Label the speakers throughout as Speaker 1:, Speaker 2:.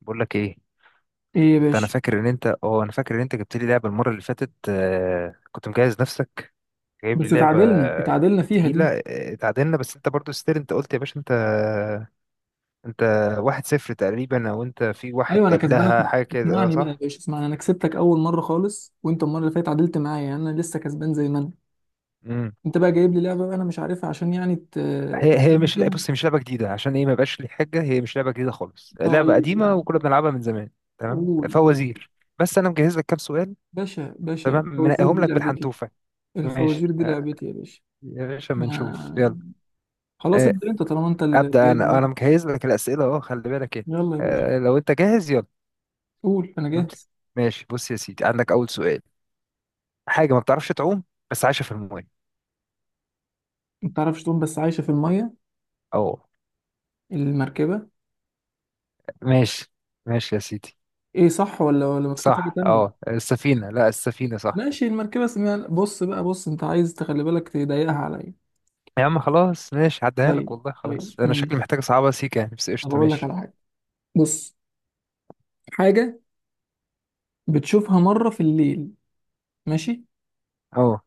Speaker 1: بقول لك ايه؟
Speaker 2: ايه يا
Speaker 1: انت، انا
Speaker 2: باشا.
Speaker 1: فاكر ان انت اه انا فاكر ان انت جبت لي لعبه المره اللي فاتت. كنت مجهز نفسك، جايب لي
Speaker 2: بس
Speaker 1: لعبه
Speaker 2: اتعادلنا فيها
Speaker 1: تقيله.
Speaker 2: دي.
Speaker 1: اتعادلنا، بس انت برضو ستيل. انت قلت يا باشا، انت انت 1-0 تقريبا، او انت في واحد
Speaker 2: ايوه انا كسبانك.
Speaker 1: قبلها حاجه كده.
Speaker 2: اسمعني بقى يا
Speaker 1: صح.
Speaker 2: باشا، اسمعني. انا كسبتك اول مره خالص، وانت المره اللي فاتت اتعادلت معايا، يعني انا لسه كسبان زي ما انا.
Speaker 1: امم
Speaker 2: انت بقى جايب لي لعبه، بقى انا مش عارفها عشان يعني
Speaker 1: هي هي
Speaker 2: تكسبني
Speaker 1: مش لع-
Speaker 2: فيها.
Speaker 1: بص هي مش لعبه جديده، عشان ايه؟ ما بقاش لي حاجه، هي مش لعبه جديده خالص، لعبه
Speaker 2: طيب
Speaker 1: قديمه
Speaker 2: يعني،
Speaker 1: وكنا بنلعبها من زمان. تمام،
Speaker 2: قول.
Speaker 1: فوازير. بس انا مجهز لك كام سؤال.
Speaker 2: باشا باشا،
Speaker 1: تمام،
Speaker 2: الفوازير
Speaker 1: منقيهم
Speaker 2: دي
Speaker 1: لك
Speaker 2: لعبتي.
Speaker 1: بالحنتوفه.
Speaker 2: الفوازير
Speaker 1: ماشي.
Speaker 2: دي لعبتي يا باشا.
Speaker 1: يا باشا ما نشوف
Speaker 2: ما-
Speaker 1: يلا.
Speaker 2: خلاص
Speaker 1: آه،
Speaker 2: ابدا، انت طالما انت اللي
Speaker 1: ابدا،
Speaker 2: جايب
Speaker 1: انا
Speaker 2: اللعبه.
Speaker 1: مجهز لك الاسئله اهو، خلي بالك. ايه؟
Speaker 2: يلا يا باشا،
Speaker 1: لو انت جاهز يلا.
Speaker 2: قول انا جاهز.
Speaker 1: ماشي، بص يا سيدي، عندك اول سؤال. حاجه ما بتعرفش تعوم بس عايشه في الماء.
Speaker 2: ما تعرفش تقوم بس عايشه في الميه.
Speaker 1: اه.
Speaker 2: المركبه.
Speaker 1: ماشي، ماشي يا سيدي.
Speaker 2: ايه صح ولا مكتوب حاجه
Speaker 1: صح،
Speaker 2: تانية؟
Speaker 1: اه السفينه، لا السفينه صح.
Speaker 2: ماشي، المركبة اسمها. بص بقى، بص انت عايز تخلي بالك تضيقها عليا.
Speaker 1: يا عم خلاص، ماشي عديها لك
Speaker 2: طيب
Speaker 1: والله.
Speaker 2: طيب،
Speaker 1: خلاص، انا شكلي
Speaker 2: ماشي.
Speaker 1: محتاج صعبه، سيكه يعني، بس
Speaker 2: طب
Speaker 1: قشطه
Speaker 2: اقول لك
Speaker 1: ماشي.
Speaker 2: على حاجة. بص. حاجة بتشوفها مرة في الليل، ماشي،
Speaker 1: اه،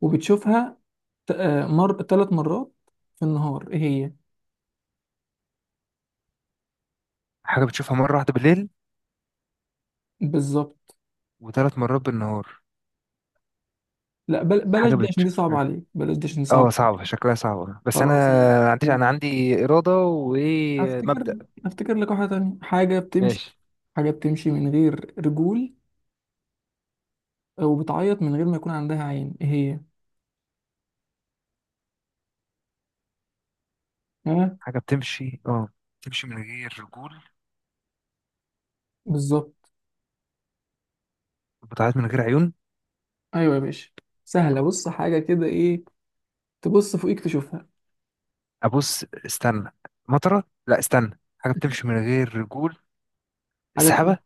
Speaker 2: وبتشوفها مر ثلاث مرات في النهار، ايه هي؟
Speaker 1: حاجه بتشوفها مره واحده بالليل
Speaker 2: بالظبط.
Speaker 1: وثلاث مرات بالنهار.
Speaker 2: لا بلاش
Speaker 1: حاجه
Speaker 2: دي عشان دي صعبة
Speaker 1: بتشوفها.
Speaker 2: عليك، بلاش دي عشان دي صعبة
Speaker 1: اه
Speaker 2: عليك.
Speaker 1: صعبه، شكلها صعبه، بس انا
Speaker 2: خلاص انا
Speaker 1: عندي انا عندي اراده
Speaker 2: هفتكر
Speaker 1: ومبدأ.
Speaker 2: هفتكر لك واحدة تانية. حاجة بتمشي،
Speaker 1: ماشي.
Speaker 2: حاجة بتمشي من غير رجول وبتعيط من غير ما يكون عندها عين، ايه هي؟ ها.
Speaker 1: حاجة بتمشي اه، بتمشي من غير رجول
Speaker 2: بالظبط.
Speaker 1: وبتعيط من غير عيون.
Speaker 2: ايوه يا باشا. سهله، بص حاجه كده ايه. تبص فوقيك تشوفها.
Speaker 1: أبص استنى، مطرة، لا استنى، حاجة بتمشي من غير رجول،
Speaker 2: حاجه بت-
Speaker 1: السحابة.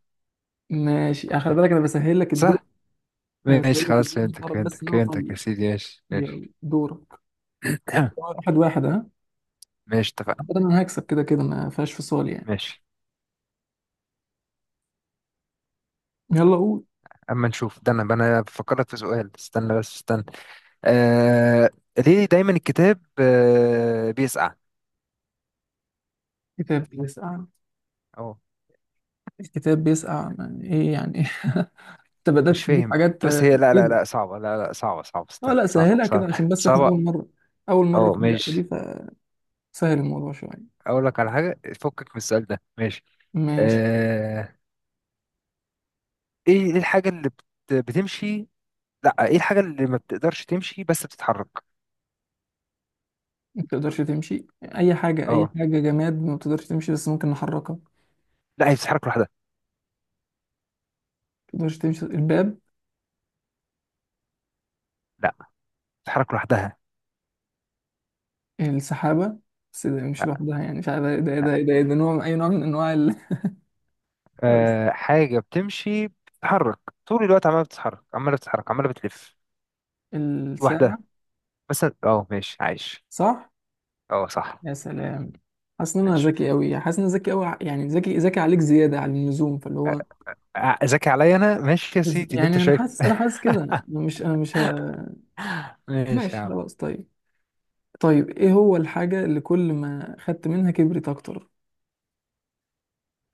Speaker 2: ماشي، خلي بالك انا بسهل لك الدور.
Speaker 1: صح،
Speaker 2: انا بسهل
Speaker 1: ماشي
Speaker 2: لك
Speaker 1: خلاص،
Speaker 2: الدور، مش
Speaker 1: فهمتك
Speaker 2: تعرف بس ان
Speaker 1: فهمتك
Speaker 2: انا
Speaker 1: فهمتك يا
Speaker 2: طيب.
Speaker 1: سيدي، ماشي
Speaker 2: يلا
Speaker 1: ماشي.
Speaker 2: دورك. واحد واحد، ها.
Speaker 1: ماشي، اتفقنا.
Speaker 2: أعتقد انا هكسب كده كده، ما فيهاش فصال يعني.
Speaker 1: ماشي
Speaker 2: يلا قول.
Speaker 1: أما نشوف ده، أنا بفكرك في سؤال، استنى بس استنى. آه... ليه دايما الكتاب بيسقع؟
Speaker 2: كتاب بيسقع؟
Speaker 1: أهو.
Speaker 2: الكتاب بيسقع يعني ايه يعني إيه؟ انت بدات
Speaker 1: مش
Speaker 2: تجيب
Speaker 1: فاهم.
Speaker 2: حاجات
Speaker 1: بس هي، لا لا
Speaker 2: غريبه.
Speaker 1: لا صعبة لا لا صعبة، صعبة
Speaker 2: اه
Speaker 1: استنى،
Speaker 2: لا،
Speaker 1: صعبة
Speaker 2: سهلها كده
Speaker 1: صعبة
Speaker 2: عشان بس احنا اول
Speaker 1: صعبة.
Speaker 2: مره، اول مره
Speaker 1: أه
Speaker 2: في اللعبه دي،
Speaker 1: ماشي.
Speaker 2: فسهل الموضوع شويه.
Speaker 1: اقول لك على حاجه فكك من السؤال ده، ماشي.
Speaker 2: ماشي.
Speaker 1: آه... ايه، إيه الحاجه اللي بت... بتمشي؟ لا، ايه الحاجه اللي ما بتقدرش تمشي بس بتتحرك؟
Speaker 2: ما تقدرش تمشي اي حاجه، اي
Speaker 1: اه.
Speaker 2: حاجه جماد ما بتقدرش تمشي بس ممكن نحركها.
Speaker 1: لا هي بتتحرك لوحدها.
Speaker 2: تقدرش تمشي الباب.
Speaker 1: لا بتتحرك لوحدها.
Speaker 2: السحابة. بس ده مش
Speaker 1: لا
Speaker 2: لوحدها، يعني مش عارف
Speaker 1: لا.
Speaker 2: ده نوع، أي نوع من أنواع ال...
Speaker 1: حاجه بتمشي، بتتحرك طول الوقت، عماله بتتحرك عماله بتلف
Speaker 2: الساعة.
Speaker 1: لوحدها، بس اه ماشي عايش.
Speaker 2: صح؟
Speaker 1: اه صح.
Speaker 2: يا سلام. حاسس إن أنا
Speaker 1: ماشي.
Speaker 2: ذكي أوي، حاسس إن أنا ذكي أوي. يعني ذكي ذكي عليك زيادة على اللزوم، فاللي هو
Speaker 1: ذكي عليا انا، ماشي يا سيدي اللي انت
Speaker 2: يعني أنا
Speaker 1: شايفه.
Speaker 2: حاسس أنا حاسس كده، أنا مش أنا مش ه...
Speaker 1: ماشي يا
Speaker 2: ماشي
Speaker 1: عم.
Speaker 2: خلاص طيب. طيب، إيه هو الحاجة اللي كل ما خدت منها كبرت أكتر؟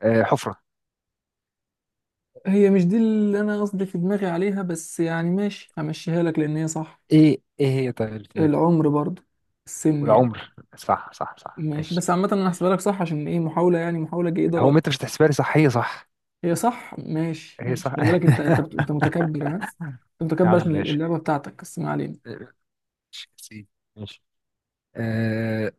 Speaker 1: حفره.
Speaker 2: هي مش دي اللي أنا قصدي في دماغي عليها، بس يعني ماشي، همشيها لك لأن هي صح.
Speaker 1: ايه، ايه هي طيب اللي في دماغك؟
Speaker 2: العمر برضه، السن يعني.
Speaker 1: والعمر، صح
Speaker 2: ماشي،
Speaker 1: ماشي.
Speaker 2: بس عامة انا هحسبها لك صح عشان ايه، محاولة يعني، محاولة جيدة
Speaker 1: هو ما
Speaker 2: رأيي.
Speaker 1: انت مش هتحسبها لي صح؟ هي صح،
Speaker 2: هي صح، ماشي
Speaker 1: هي
Speaker 2: ماشي.
Speaker 1: صح.
Speaker 2: خلي بالك انت متكبر، ها. انت
Speaker 1: يا
Speaker 2: متكبر
Speaker 1: عم
Speaker 2: عشان
Speaker 1: ماشي،
Speaker 2: اللعبة بتاعتك، بس ما علينا.
Speaker 1: ماشي يا سيدي، ماشي. آه.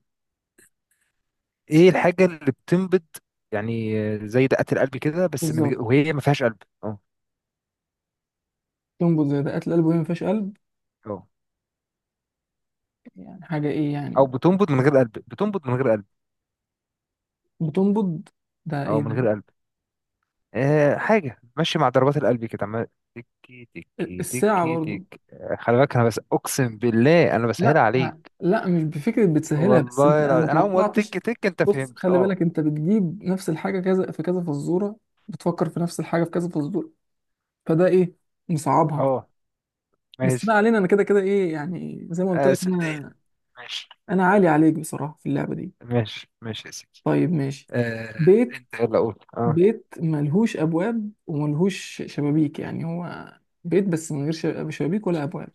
Speaker 1: ايه الحاجة اللي بتنبض يعني، زي دقات القلب كده، بس من
Speaker 2: بالظبط.
Speaker 1: غير، وهي ما فيهاش قلب. اه
Speaker 2: تنبض زي دقات القلب وهي ما فيهاش قلب.
Speaker 1: اه.
Speaker 2: يعني حاجة ايه يعني؟
Speaker 1: او بتنبض من غير قلب، بتنبض من غير قلب،
Speaker 2: بتنبض. ده ايه
Speaker 1: او من
Speaker 2: ده؟
Speaker 1: غير قلب. آه، حاجة ماشي مع ضربات القلب كده، عمال تكي تكي
Speaker 2: الساعة
Speaker 1: تكي تك.
Speaker 2: برضو.
Speaker 1: خلي بالك، انا بس اقسم بالله انا بسهل
Speaker 2: لا.
Speaker 1: عليك،
Speaker 2: لا، مش بفكرة بتسهلها، بس انت
Speaker 1: والله
Speaker 2: انا ما
Speaker 1: العظيم. انا اول ما قلت تك
Speaker 2: توقعتش.
Speaker 1: تك انت
Speaker 2: بص
Speaker 1: فهمت.
Speaker 2: خلي
Speaker 1: اه
Speaker 2: بالك، انت بتجيب نفس الحاجة كذا في كذا فزورة، بتفكر في نفس الحاجة في كذا فزورة، فده ايه؟ مصعبها.
Speaker 1: اه
Speaker 2: بس ما
Speaker 1: ماشي.
Speaker 2: علينا، انا كده كده ايه يعني، زي ما قلت
Speaker 1: آه
Speaker 2: لك
Speaker 1: سندال.
Speaker 2: انا،
Speaker 1: ماشي
Speaker 2: انا عالي عليك بصراحه في اللعبه دي.
Speaker 1: ماشي، ماشي يا سيدي.
Speaker 2: طيب ماشي.
Speaker 1: آه،
Speaker 2: بيت.
Speaker 1: انت يلا قول اه.
Speaker 2: بيت ملهوش ابواب وملهوش شبابيك، يعني هو بيت بس من غير شبابيك ولا ابواب.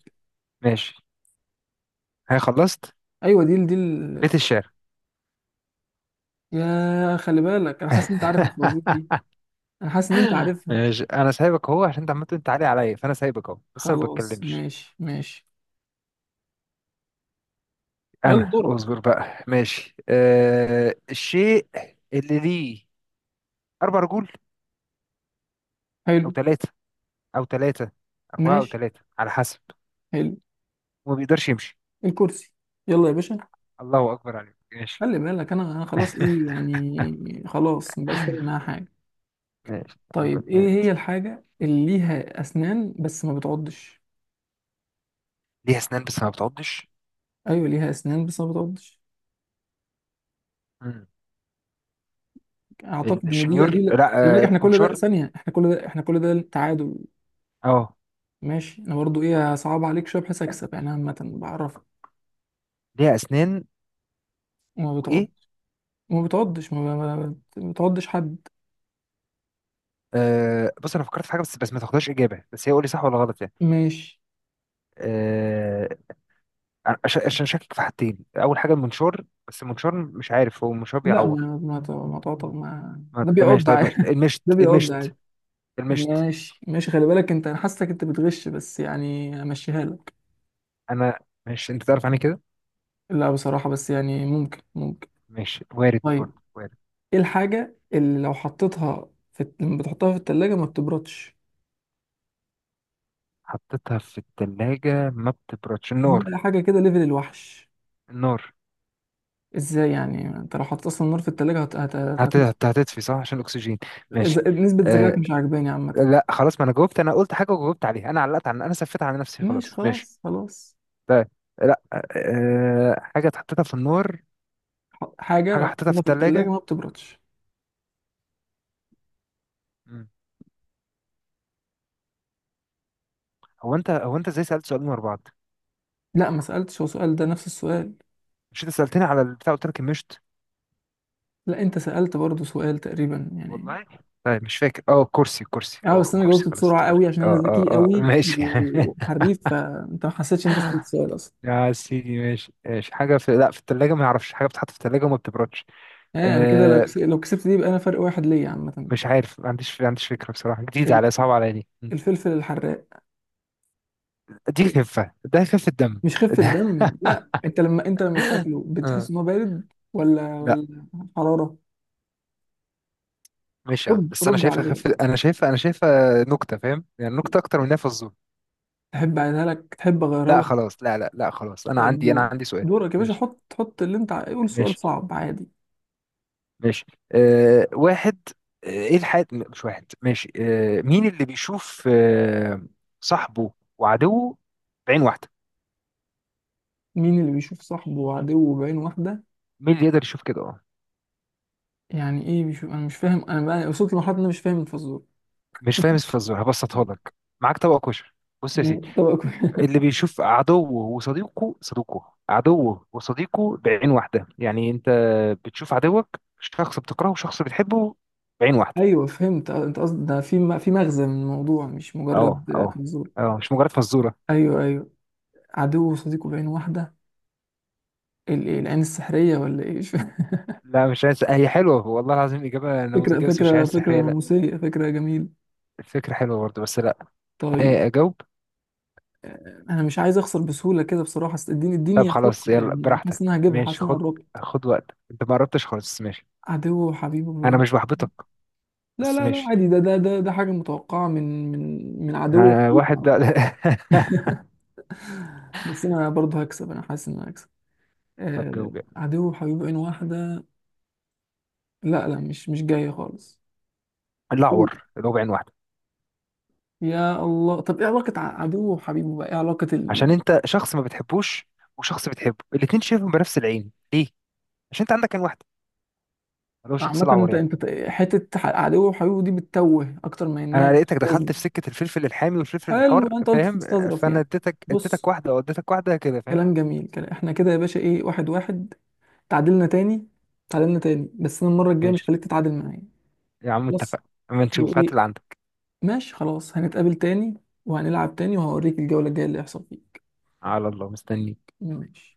Speaker 1: ماشي، هي خلصت،
Speaker 2: ايوه
Speaker 1: بيت الشعر.
Speaker 2: يا خلي بالك، انا حاسس ان انت عارف الفوازير دي، انا حاسس ان انت عارفها.
Speaker 1: ماشي، انا سايبك اهو، عشان انت عمال تقول انت عالي عليا، فانا سايبك اهو بس انا ما
Speaker 2: خلاص
Speaker 1: بتكلمش.
Speaker 2: ماشي ماشي. يلا
Speaker 1: انا
Speaker 2: دورك.
Speaker 1: اصبر بقى، ماشي. آه، الشيء اللي ليه 4 رجول، او
Speaker 2: حلو.
Speaker 1: ثلاثه، او ثلاثه، اربعه او
Speaker 2: ماشي.
Speaker 1: ثلاثه على حسب،
Speaker 2: حلو.
Speaker 1: وما بيقدرش يمشي.
Speaker 2: الكرسي. يلا يا باشا.
Speaker 1: الله اكبر عليك، ماشي.
Speaker 2: خلي بالك انا خلاص ايه يعني، خلاص مبقاش فارق معايا حاجه.
Speaker 1: ماشي، قلبك
Speaker 2: طيب، ايه
Speaker 1: مات.
Speaker 2: هي الحاجة اللي ليها اسنان بس ما بتعضش؟
Speaker 1: ليها اسنان بس ما بتعضش.
Speaker 2: ايوه، ليها اسنان بس ما بتعضش.
Speaker 1: مم.
Speaker 2: اعتقد ان دي بقى، دي
Speaker 1: الشنيور،
Speaker 2: لا.
Speaker 1: لا،
Speaker 2: خلي بالك، احنا كل ده
Speaker 1: البنشور.
Speaker 2: ثانية، احنا كل ده، احنا كل ده تعادل.
Speaker 1: اه،
Speaker 2: ماشي، انا برضو ايه صعب عليك شوية بحيث اكسب يعني، عامة بعرفك.
Speaker 1: ليها اسنان؟
Speaker 2: وما بتعض.
Speaker 1: وايه؟
Speaker 2: ما بتعضش، ما بتعضش حد.
Speaker 1: آه بص، انا فكرت في حاجه، بس بس ما تاخدهاش اجابه، بس هي قول لي صح ولا غلط يعني.
Speaker 2: ماشي.
Speaker 1: آه، عشان شاكك في حاجتين. اول حاجه المنشار، بس المنشار مش عارف هو المنشار
Speaker 2: لا
Speaker 1: بيعور؟
Speaker 2: ما تعطى، ما ده
Speaker 1: لا ماشي،
Speaker 2: بيعض
Speaker 1: طيب
Speaker 2: عادي
Speaker 1: ماشي المشت،
Speaker 2: ده بيعض عادي.
Speaker 1: المشت
Speaker 2: ماشي ماشي، خلي بالك انت، انا حاسسك انت بتغش، بس يعني امشيها لك.
Speaker 1: انا. ماشي، انت تعرف عني كده.
Speaker 2: لا بصراحة، بس يعني ممكن ممكن.
Speaker 1: ماشي، وارد
Speaker 2: طيب،
Speaker 1: برضه، وارد.
Speaker 2: ايه الحاجة اللي لو حطيتها في لما بتحطها في التلاجة ما بتبردش؟
Speaker 1: حطيتها في الثلاجه ما بتبردش،
Speaker 2: دي
Speaker 1: النار.
Speaker 2: بقى حاجة كده ليفل الوحش.
Speaker 1: النار
Speaker 2: ازاي يعني، انت لو حطيت اصلا النار في التلاجة
Speaker 1: هتطفي، صح، عشان الاكسجين. ماشي.
Speaker 2: نسبة ذكائك
Speaker 1: آه،
Speaker 2: مش عاجباني عامة.
Speaker 1: لا خلاص، ما انا جاوبت، انا قلت حاجه وجاوبت عليها، انا علقت عن، انا سفيت على نفسي
Speaker 2: ماشي
Speaker 1: خلاص. ماشي.
Speaker 2: خلاص خلاص.
Speaker 1: طيب، لا، أه حاجة اتحطتها في النار.
Speaker 2: حاجة
Speaker 1: حاجة
Speaker 2: لو
Speaker 1: حطيتها في
Speaker 2: حطيتها في التلاجة
Speaker 1: التلاجة.
Speaker 2: ما بتبردش.
Speaker 1: مم. هو انت ازاي سألت سؤالين ورا بعض؟
Speaker 2: لا ما سألتش، هو سؤال ده نفس السؤال.
Speaker 1: مش انت سألتني على البتاع قلت لك المشط؟
Speaker 2: لا انت سألت برضو سؤال تقريبا يعني.
Speaker 1: والله. طيب مش فاكر، اه كرسي
Speaker 2: اه، بس
Speaker 1: اه
Speaker 2: انا
Speaker 1: كرسي،
Speaker 2: جاوبت
Speaker 1: خلاص
Speaker 2: بسرعة
Speaker 1: افتكرت،
Speaker 2: قوي عشان
Speaker 1: اه
Speaker 2: انا ذكي
Speaker 1: اه اه
Speaker 2: قوي
Speaker 1: ماشي.
Speaker 2: وحريف، فانت ما حسيتش إن انت سألت سؤال اصلا.
Speaker 1: يا سيدي، ماشي، ماشي. حاجة في، لا في التلاجة ما يعرفش، حاجة بتتحط في التلاجة وما بتبردش.
Speaker 2: يعني انا كده،
Speaker 1: آه،
Speaker 2: لو كسبت دي يبقى انا فرق واحد ليا عامة.
Speaker 1: مش عارف، ما عنديش فكرة بصراحة، جديدة عليا، صعبة عليا دي.
Speaker 2: الفلفل الحراق.
Speaker 1: دي خفة، ده خفة دم.
Speaker 2: مش خفة دم لا، انت لما بتاكله
Speaker 1: آه.
Speaker 2: بتحس ان هو بارد ولا حرارة.
Speaker 1: ماشي يا عم،
Speaker 2: رد
Speaker 1: بس
Speaker 2: رد عليا.
Speaker 1: انا شايفها نكته، فاهم يعني، نكته اكتر من إنها فزوره.
Speaker 2: تحب اعيدها لك، تحب
Speaker 1: لا
Speaker 2: اغيرها لك؟
Speaker 1: خلاص، لا خلاص، انا
Speaker 2: طب
Speaker 1: عندي انا
Speaker 2: دور.
Speaker 1: عندي سؤال.
Speaker 2: دورك يا باشا،
Speaker 1: ماشي،
Speaker 2: حط حط اللي انت قول سؤال
Speaker 1: ماشي،
Speaker 2: صعب عادي.
Speaker 1: ماشي. أه واحد. ايه الحياة؟ مش واحد، ماشي. أه مين اللي بيشوف صاحبه وعدوه بعين واحده؟
Speaker 2: مين اللي بيشوف صاحبه وعدوه بعين واحدة؟
Speaker 1: مين اللي يقدر يشوف كده؟ اه.
Speaker 2: يعني ايه بيشوف؟ انا مش فاهم. انا بقى وصلت لمرحلة ان انا مش فاهم الفزورة.
Speaker 1: مش فاهم الفزوره، هبسطها لك. معاك طبق كشري. بص يا سيدي،
Speaker 2: يعني
Speaker 1: اللي بيشوف عدوه وصديقه، عدوه وصديقه بعين واحدة. يعني انت بتشوف عدوك، شخص بتكرهه وشخص بتحبه، بعين واحدة.
Speaker 2: ايوه فهمت. انت قصدك ده في مغزى من الموضوع، مش
Speaker 1: اه
Speaker 2: مجرد
Speaker 1: اه
Speaker 2: فزورة.
Speaker 1: اه مش مجرد فزورة.
Speaker 2: ايوه ايوه. عدو وصديقه بعين واحدة. إيه، العين السحرية ولا ايه؟
Speaker 1: لا مش عايز، هي حلوة والله العظيم، إجابة
Speaker 2: فكرة،
Speaker 1: نموذجية، بس مش
Speaker 2: فكرة
Speaker 1: عايز
Speaker 2: فكرة
Speaker 1: سحرية، لا.
Speaker 2: نموذجية، فكرة جميلة.
Speaker 1: الفكرة حلوة برضه بس لا.
Speaker 2: طيب.
Speaker 1: ايه أجاوب؟
Speaker 2: أنا مش عايز أخسر بسهولة كده بصراحة، أصل اديني
Speaker 1: طب
Speaker 2: اديني
Speaker 1: خلاص
Speaker 2: أفكر
Speaker 1: يلا
Speaker 2: يعني، حاسس إن
Speaker 1: براحتك،
Speaker 2: أنا هجيبها،
Speaker 1: ماشي،
Speaker 2: حاسس إن أنا
Speaker 1: خد،
Speaker 2: قربت.
Speaker 1: خد وقتك، انت ما قربتش خالص، ماشي.
Speaker 2: عدو وحبيبه
Speaker 1: انا
Speaker 2: باين.
Speaker 1: مش بحبطك.
Speaker 2: لا
Speaker 1: بس
Speaker 2: لا لا،
Speaker 1: ماشي.
Speaker 2: عادي، ده حاجة متوقعة من عدو
Speaker 1: آه، واحد
Speaker 2: وحبيبه.
Speaker 1: ده.
Speaker 2: بس أنا برضه هكسب، أنا حاسس إن أنا هكسب.
Speaker 1: طب جاوب يلا.
Speaker 2: عدو وحبيبه عين واحدة. لا لا، مش جاية خالص.
Speaker 1: الأعور، اللي هو بعين واحدة.
Speaker 2: يا الله، طب إيه علاقة عدو وحبيبه بقى، إيه علاقة
Speaker 1: عشان انت شخص ما بتحبوش وشخص بتحبه، الاتنين شايفهم بنفس العين، ليه؟ عشان انت عندك عين واحده، اللي هو الشخص
Speaker 2: عامة
Speaker 1: الاعور
Speaker 2: أنت
Speaker 1: يعني.
Speaker 2: أنت حتة عدو وحبيبه دي بتتوه أكتر، ما إن هي
Speaker 1: انا لقيتك
Speaker 2: مش لازمة.
Speaker 1: دخلت في سكه الفلفل الحامي والفلفل
Speaker 2: حلو،
Speaker 1: الحار،
Speaker 2: انت قلت
Speaker 1: فاهم؟
Speaker 2: تستظرف
Speaker 1: فانا
Speaker 2: يعني.
Speaker 1: اديتك اديتك
Speaker 2: بص.
Speaker 1: واحده او اديتك واحده كده، فاهم؟
Speaker 2: كلام جميل، كلام. احنا كده يا باشا ايه، واحد واحد، تعادلنا تاني. تعادلنا تاني، بس انا المره الجايه مش
Speaker 1: ماشي
Speaker 2: خليك تتعادل معايا.
Speaker 1: يا عم،
Speaker 2: خلاص.
Speaker 1: اتفقنا، اما نشوف، هات
Speaker 2: وايه؟
Speaker 1: اللي عندك.
Speaker 2: ماشي خلاص، هنتقابل تاني وهنلعب تاني، وهوريك الجوله الجايه اللي هيحصل فيك.
Speaker 1: على الله، مستني.
Speaker 2: ماشي.